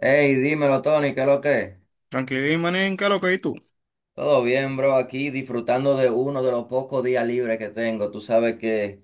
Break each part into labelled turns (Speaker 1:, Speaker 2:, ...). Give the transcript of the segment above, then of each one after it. Speaker 1: Hey, dímelo, Tony, ¿qué es lo que es?
Speaker 2: Tranquilidad y manica, lo que y tú.
Speaker 1: Todo bien, bro, aquí disfrutando de uno de los pocos días libres que tengo. Tú sabes que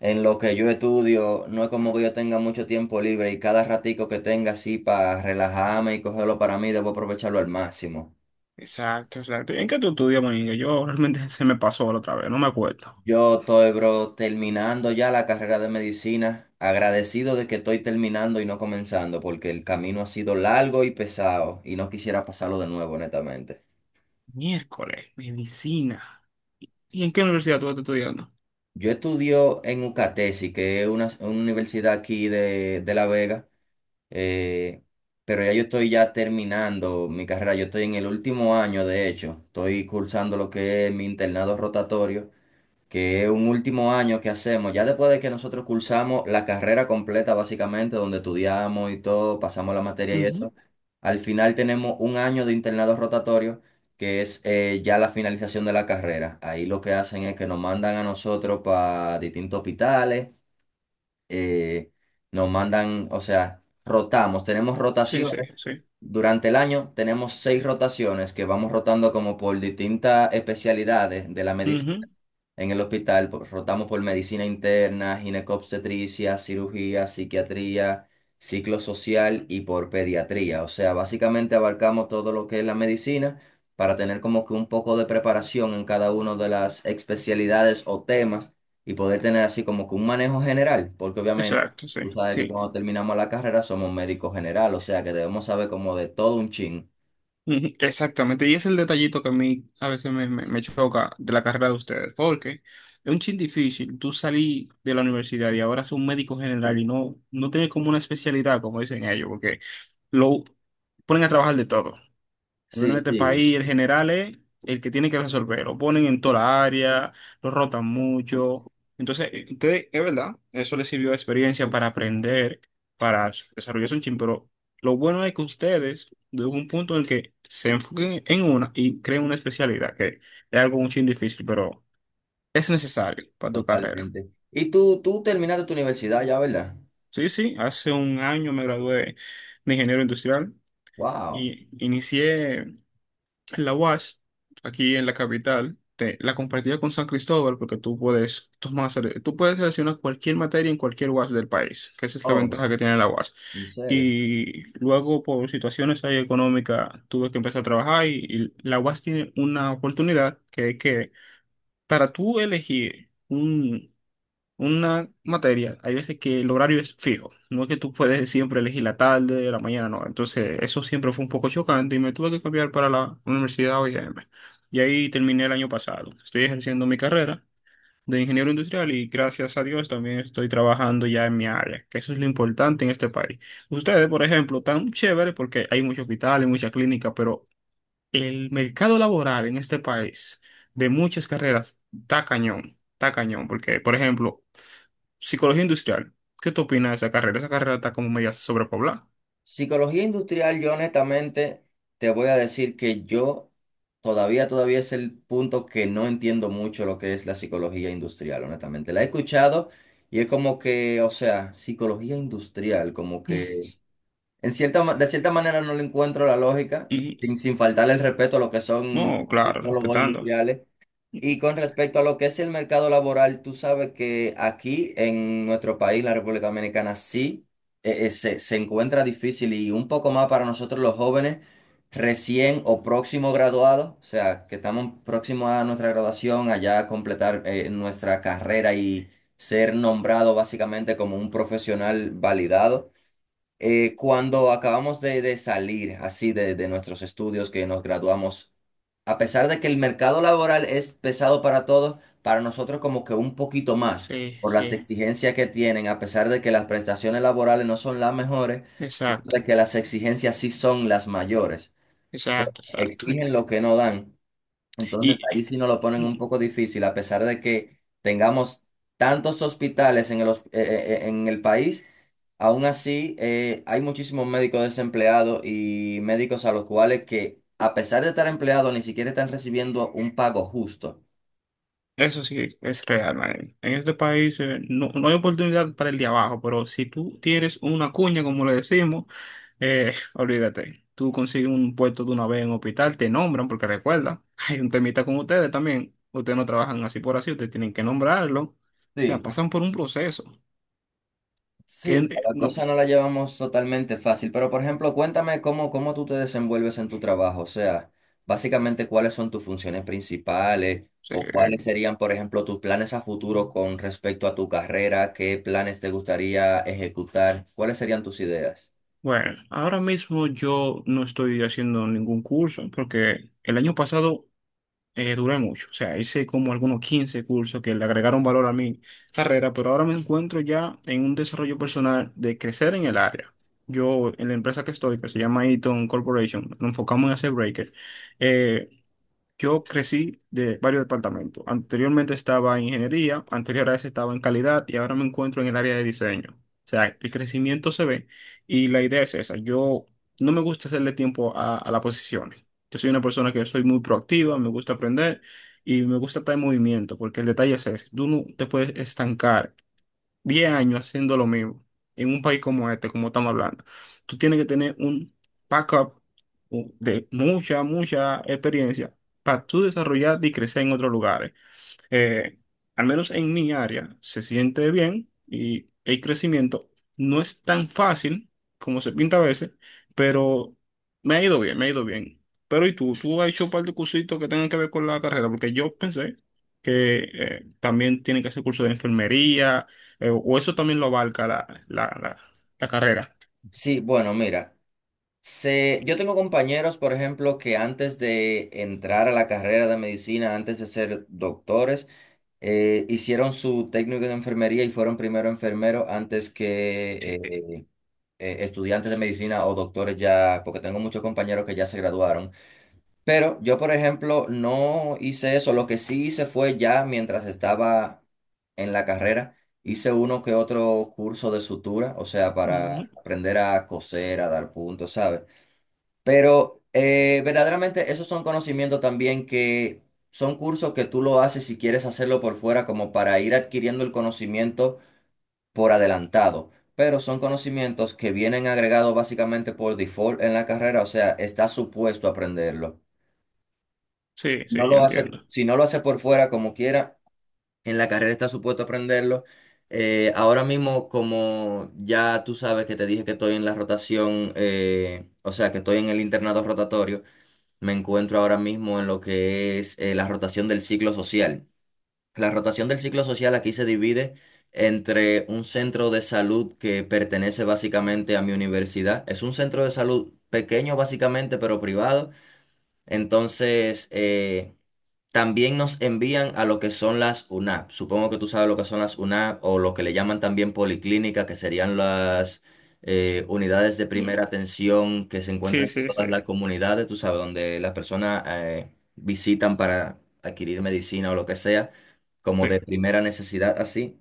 Speaker 1: en lo que yo estudio no es como que yo tenga mucho tiempo libre y cada ratico que tenga así para relajarme y cogerlo para mí, debo aprovecharlo al máximo.
Speaker 2: Exacto, exacto. ¿En qué tú estudias, manica? Yo realmente se me pasó la otra vez, no me acuerdo.
Speaker 1: Yo estoy, bro, terminando ya la carrera de medicina, agradecido de que estoy terminando y no comenzando, porque el camino ha sido largo y pesado y no quisiera pasarlo de nuevo, honestamente.
Speaker 2: Miércoles, medicina. ¿Y en qué universidad tú estás estudiando?
Speaker 1: Yo estudio en UCATESI, que es una universidad aquí de La Vega, eh, pero ya yo estoy ya terminando mi carrera, yo estoy en el último año. De hecho, estoy cursando lo que es mi internado rotatorio, que es un último año que hacemos, ya después de que nosotros cursamos la carrera completa, básicamente, donde estudiamos y todo, pasamos la materia y
Speaker 2: Ujú.
Speaker 1: eso. Al final tenemos un año de internado rotatorio, que es ya la finalización de la carrera. Ahí lo que hacen es que nos mandan a nosotros para distintos hospitales, eh, nos mandan, o sea, rotamos, tenemos
Speaker 2: Sí, sí,
Speaker 1: rotaciones.
Speaker 2: sí.
Speaker 1: Durante el año tenemos seis rotaciones que vamos rotando como por distintas especialidades de la medicina.
Speaker 2: Ujú.
Speaker 1: En el hospital rotamos por medicina interna, ginecobstetricia, cirugía, psiquiatría, ciclo social y por pediatría. O sea, básicamente abarcamos todo lo que es la medicina para tener como que un poco de preparación en cada una de las especialidades o temas y poder tener así como que un manejo general, porque obviamente
Speaker 2: Exacto, sí,
Speaker 1: tú sabes que
Speaker 2: sí.
Speaker 1: cuando terminamos la carrera somos médicos general, o sea que debemos saber como de todo un chin.
Speaker 2: Ujú, exactamente. Y es el detallito que a mí a veces me choca de la carrera de ustedes, porque es un chin difícil. Tú salí de la universidad y ahora sos un médico general y no, no tienes como una especialidad, como dicen ellos, porque lo ponen a trabajar de todo. Al menos
Speaker 1: Sí,
Speaker 2: en este
Speaker 1: sí,
Speaker 2: país, el general es el que tiene que resolver. Lo ponen en toda la área, lo rotan mucho. Entonces, ustedes, es verdad, eso les sirvió de experiencia para aprender, para desarrollarse un chin, pero lo bueno es que ustedes, de un punto en el que se enfoquen en una y creen una especialidad, que es algo un chin difícil, pero es necesario para tu carrera.
Speaker 1: totalmente. Y tú terminaste tu universidad ya, ¿verdad?
Speaker 2: Sí, sí, hace un año me gradué de ingeniero industrial
Speaker 1: Wow.
Speaker 2: y inicié. La UASH, aquí en la capital, la compartía con San Cristóbal porque tú puedes tomar, tú puedes seleccionar cualquier materia en cualquier UASH del país, que esa es la
Speaker 1: Oh,
Speaker 2: ventaja que tiene la UASH.
Speaker 1: ¿en serio?
Speaker 2: Y luego, por situaciones ahí económicas, tuve que empezar a trabajar y la UASH tiene una oportunidad que es que para tú elegir un una materia, hay veces que el horario es fijo, no es que tú puedes siempre elegir la tarde, la mañana, no. Entonces, eso siempre fue un poco chocante y me tuve que cambiar para la Universidad OIM. Y ahí terminé el año pasado. Estoy ejerciendo mi carrera de ingeniero industrial y gracias a Dios también estoy trabajando ya en mi área, que eso es lo importante en este país. Ustedes, por ejemplo, tan chévere porque hay muchos hospitales, muchas clínicas, pero el mercado laboral en este país de muchas carreras está cañón, porque, por ejemplo, psicología industrial. ¿Qué tú opinas de esa carrera? Esa carrera está como media sobrepoblada.
Speaker 1: Psicología industrial, yo honestamente te voy a decir que yo todavía es el punto que no entiendo mucho lo que es la psicología industrial, honestamente. La he escuchado y es como que, o sea, psicología industrial, como que de cierta manera no le encuentro la lógica,
Speaker 2: Y
Speaker 1: sin faltarle el respeto a lo que son
Speaker 2: no, claro,
Speaker 1: psicólogos
Speaker 2: respetando.
Speaker 1: industriales. Y con respecto a lo que es el mercado laboral, tú sabes que aquí en nuestro país, la República Dominicana, sí, se encuentra difícil y un poco más para nosotros los jóvenes recién o próximo graduados, o sea, que estamos próximos a nuestra graduación, allá a completar nuestra carrera y ser nombrado básicamente como un profesional validado. Cuando acabamos de salir así de nuestros estudios, que nos graduamos, a pesar de que el mercado laboral es pesado para todos, para nosotros como que un poquito más,
Speaker 2: Sí,
Speaker 1: por las
Speaker 2: sí,
Speaker 1: exigencias que tienen, a pesar de que las prestaciones laborales no son las mejores,
Speaker 2: exacto,
Speaker 1: de que las exigencias sí son las mayores.
Speaker 2: exacto, exacto.
Speaker 1: Exigen lo que no dan. Entonces
Speaker 2: Y
Speaker 1: ahí sí nos lo ponen un poco difícil, a pesar de que tengamos tantos hospitales en el, en el país. Aún así, hay muchísimos médicos desempleados y médicos a los cuales que, a pesar de estar empleados, ni siquiera están recibiendo un pago justo.
Speaker 2: eso sí es real, man. En este país no, no hay oportunidad para el de abajo, pero si tú tienes una cuña, como le decimos, olvídate. Tú consigues un puesto de una vez en un hospital, te nombran, porque recuerda, hay un temita con ustedes también. Ustedes no trabajan así por así, ustedes tienen que nombrarlo. O sea,
Speaker 1: Sí,
Speaker 2: pasan por un proceso.
Speaker 1: sí, no,
Speaker 2: Que
Speaker 1: la
Speaker 2: no
Speaker 1: cosa no la llevamos totalmente fácil, pero por ejemplo, cuéntame cómo tú te desenvuelves en tu trabajo, o sea, básicamente cuáles son tus funciones principales o cuáles
Speaker 2: sé.
Speaker 1: serían, por ejemplo, tus planes a futuro con respecto a tu carrera, qué planes te gustaría ejecutar, cuáles serían tus ideas.
Speaker 2: Bueno, ahora mismo yo no estoy haciendo ningún curso porque el año pasado duré mucho. O sea, hice como algunos 15 cursos que le agregaron valor a mi carrera, pero ahora me encuentro ya en un desarrollo personal de crecer en el área. Yo, en la empresa que estoy, que se llama Eaton Corporation, nos enfocamos en hacer breakers. eh, Yo crecí de varios departamentos. Anteriormente estaba en ingeniería, anterior a eso estaba en calidad y ahora me encuentro en el área de diseño. O sea, el crecimiento se ve y la idea es esa. Yo no me gusta hacerle tiempo a la posición. Yo soy una persona que soy muy proactiva, me gusta aprender y me gusta estar en movimiento porque el detalle es ese. Tú no te puedes estancar 10 años haciendo lo mismo en un país como este, como estamos hablando, tú tienes que tener un backup de mucha, mucha experiencia para tú desarrollarte y crecer en otros lugares eh, al menos en mi área, se siente bien y el crecimiento no es tan fácil como se pinta a veces, pero me ha ido bien, me ha ido bien. Pero ¿y tú? ¿Tú has hecho un par de cursitos que tengan que ver con la carrera? Porque yo pensé que también tienen que hacer curso de enfermería, o eso también lo abarca la carrera.
Speaker 1: Sí, bueno, mira. Se, yo tengo compañeros, por ejemplo, que antes de entrar a la carrera de medicina, antes de ser doctores, hicieron su técnico de enfermería y fueron primero enfermeros antes que
Speaker 2: Sí.
Speaker 1: estudiantes de medicina o doctores ya, porque tengo muchos compañeros que ya se graduaron. Pero yo, por ejemplo, no hice eso. Lo que sí hice fue ya mientras estaba en la carrera, hice uno que otro curso de sutura, o sea,
Speaker 2: Ujú.
Speaker 1: para aprender a coser, a dar puntos, ¿sabes? Pero verdaderamente esos son conocimientos también que son cursos que tú lo haces si quieres hacerlo por fuera, como para ir adquiriendo el conocimiento por adelantado. Pero son conocimientos que vienen agregados básicamente por default en la carrera, o sea, estás supuesto a aprenderlo. Si
Speaker 2: Sí,
Speaker 1: no
Speaker 2: sí, ya
Speaker 1: lo hace,
Speaker 2: entiendo.
Speaker 1: si no lo hace por fuera como quiera, en la carrera estás supuesto a aprenderlo. Ahora mismo, como ya tú sabes que te dije que estoy en la rotación, o sea, que estoy en el internado rotatorio. Me encuentro ahora mismo en lo que es la rotación del ciclo social. La rotación del ciclo social aquí se divide entre un centro de salud que pertenece básicamente a mi universidad. Es un centro de salud pequeño básicamente, pero privado. Entonces, también nos envían a lo que son las UNAP. Supongo que tú sabes lo que son las UNAP o lo que le llaman también policlínica, que serían las unidades de
Speaker 2: Ya.
Speaker 1: primera atención que se
Speaker 2: Sí,
Speaker 1: encuentran en
Speaker 2: sí, sí,
Speaker 1: todas las comunidades, tú sabes, donde las personas visitan para adquirir medicina o lo que sea, como
Speaker 2: sí.
Speaker 1: de primera necesidad, así.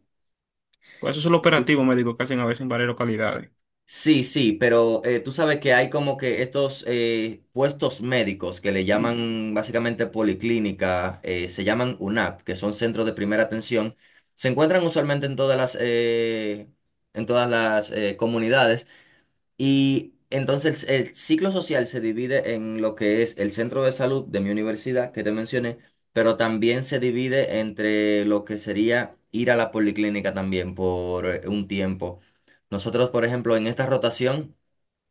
Speaker 2: Pues eso es lo operativo médico que hacen a veces en varias localidades.
Speaker 1: Sí, sí, pero tú sabes que hay como que estos puestos médicos que le llaman básicamente policlínica, se llaman UNAP, que son centros de primera atención, se encuentran usualmente en todas las comunidades. Y entonces el ciclo social se divide en lo que es el centro de salud de mi universidad, que te mencioné, pero también se divide entre lo que sería ir a la policlínica también por un tiempo. Nosotros, por ejemplo, en esta rotación,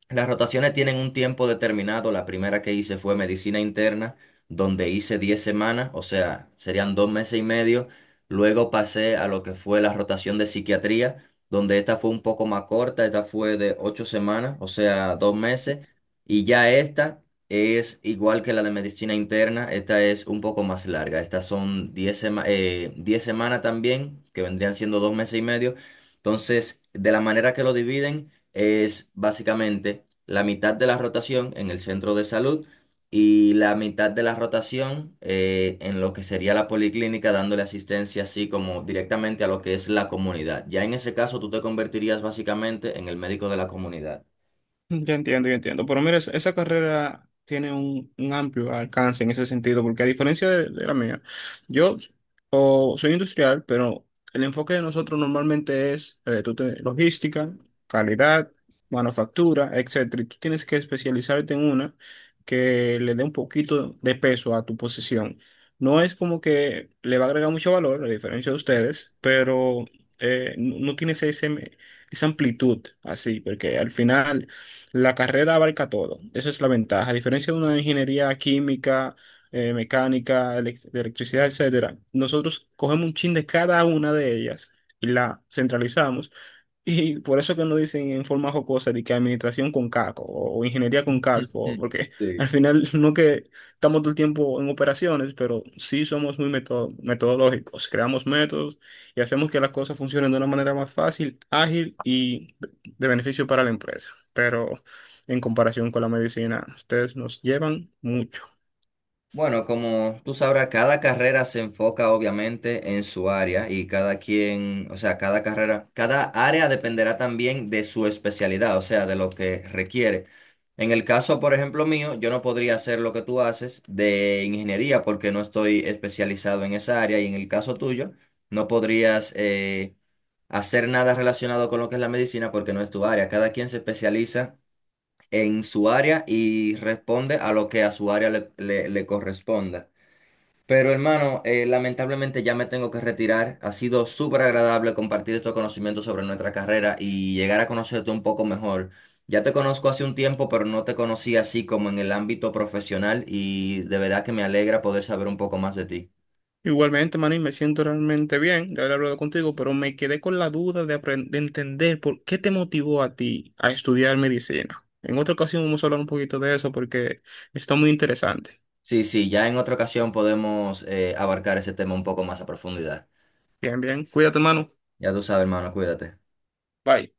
Speaker 1: las rotaciones tienen un tiempo determinado. La primera que hice fue medicina interna, donde hice 10 semanas, o sea, serían 2 meses y medio. Luego pasé a lo que fue la rotación de psiquiatría, donde esta fue un poco más corta, esta fue de 8 semanas, o sea, 2 meses. Y ya esta es igual que la de medicina interna, esta es un poco más larga. Estas son 10 semanas también, que vendrían siendo 2 meses y medio. Entonces, de la manera que lo dividen es básicamente la mitad de la rotación en el centro de salud y la mitad de la rotación en lo que sería la policlínica, dándole asistencia así como directamente a lo que es la comunidad. Ya en ese caso tú te convertirías básicamente en el médico de la comunidad.
Speaker 2: Ya entiendo, ya entiendo. Pero mira, esa carrera tiene un amplio alcance en ese sentido, porque a diferencia de la mía, yo o soy industrial, pero el enfoque de nosotros normalmente es tú logística, calidad, manufactura, etcétera. Y tú tienes que especializarte en una que le dé un poquito de peso a tu posición. No es como que le va a agregar mucho valor, a diferencia de ustedes, pero no no tienes ese, esa amplitud así, porque al final la carrera abarca todo, esa es la ventaja. A diferencia de una ingeniería química, mecánica, de electricidad, etcétera, nosotros cogemos un chin de cada una de ellas y la centralizamos y por eso que no dicen en forma jocosa de que administración con casco o ingeniería con casco, porque al final no que estamos todo el tiempo en operaciones, pero sí somos muy metodológicos, creamos métodos y hacemos que las cosas funcionen de una manera más fácil, ágil y de beneficio para la empresa. Pero en comparación con la medicina, ustedes nos llevan mucho.
Speaker 1: Bueno, como tú sabrás, cada carrera se enfoca obviamente en su área y cada quien, o sea, cada carrera, cada área dependerá también de su especialidad, o sea, de lo que requiere. En el caso, por ejemplo, mío, yo no podría hacer lo que tú haces de ingeniería porque no estoy especializado en esa área y en el caso tuyo, no podrías hacer nada relacionado con lo que es la medicina porque no es tu área. Cada quien se especializa en su área y responde a lo que a su área le corresponda. Pero hermano, lamentablemente ya me tengo que retirar. Ha sido súper agradable compartir estos conocimientos sobre nuestra carrera y llegar a conocerte un poco mejor. Ya te conozco hace un tiempo, pero no te conocí así como en el ámbito profesional y de verdad que me alegra poder saber un poco más de ti.
Speaker 2: Igualmente, Manny, me siento realmente bien de haber hablado contigo, pero me quedé con la duda de entender por qué te motivó a ti a estudiar medicina. En otra ocasión vamos a hablar un poquito de eso porque está muy interesante.
Speaker 1: Sí, sí, ya en otra ocasión podemos abarcar ese tema un poco más a profundidad.
Speaker 2: Bien, bien. Cuídate, hermano.
Speaker 1: Ya tú sabes, hermano, cuídate.
Speaker 2: Bye.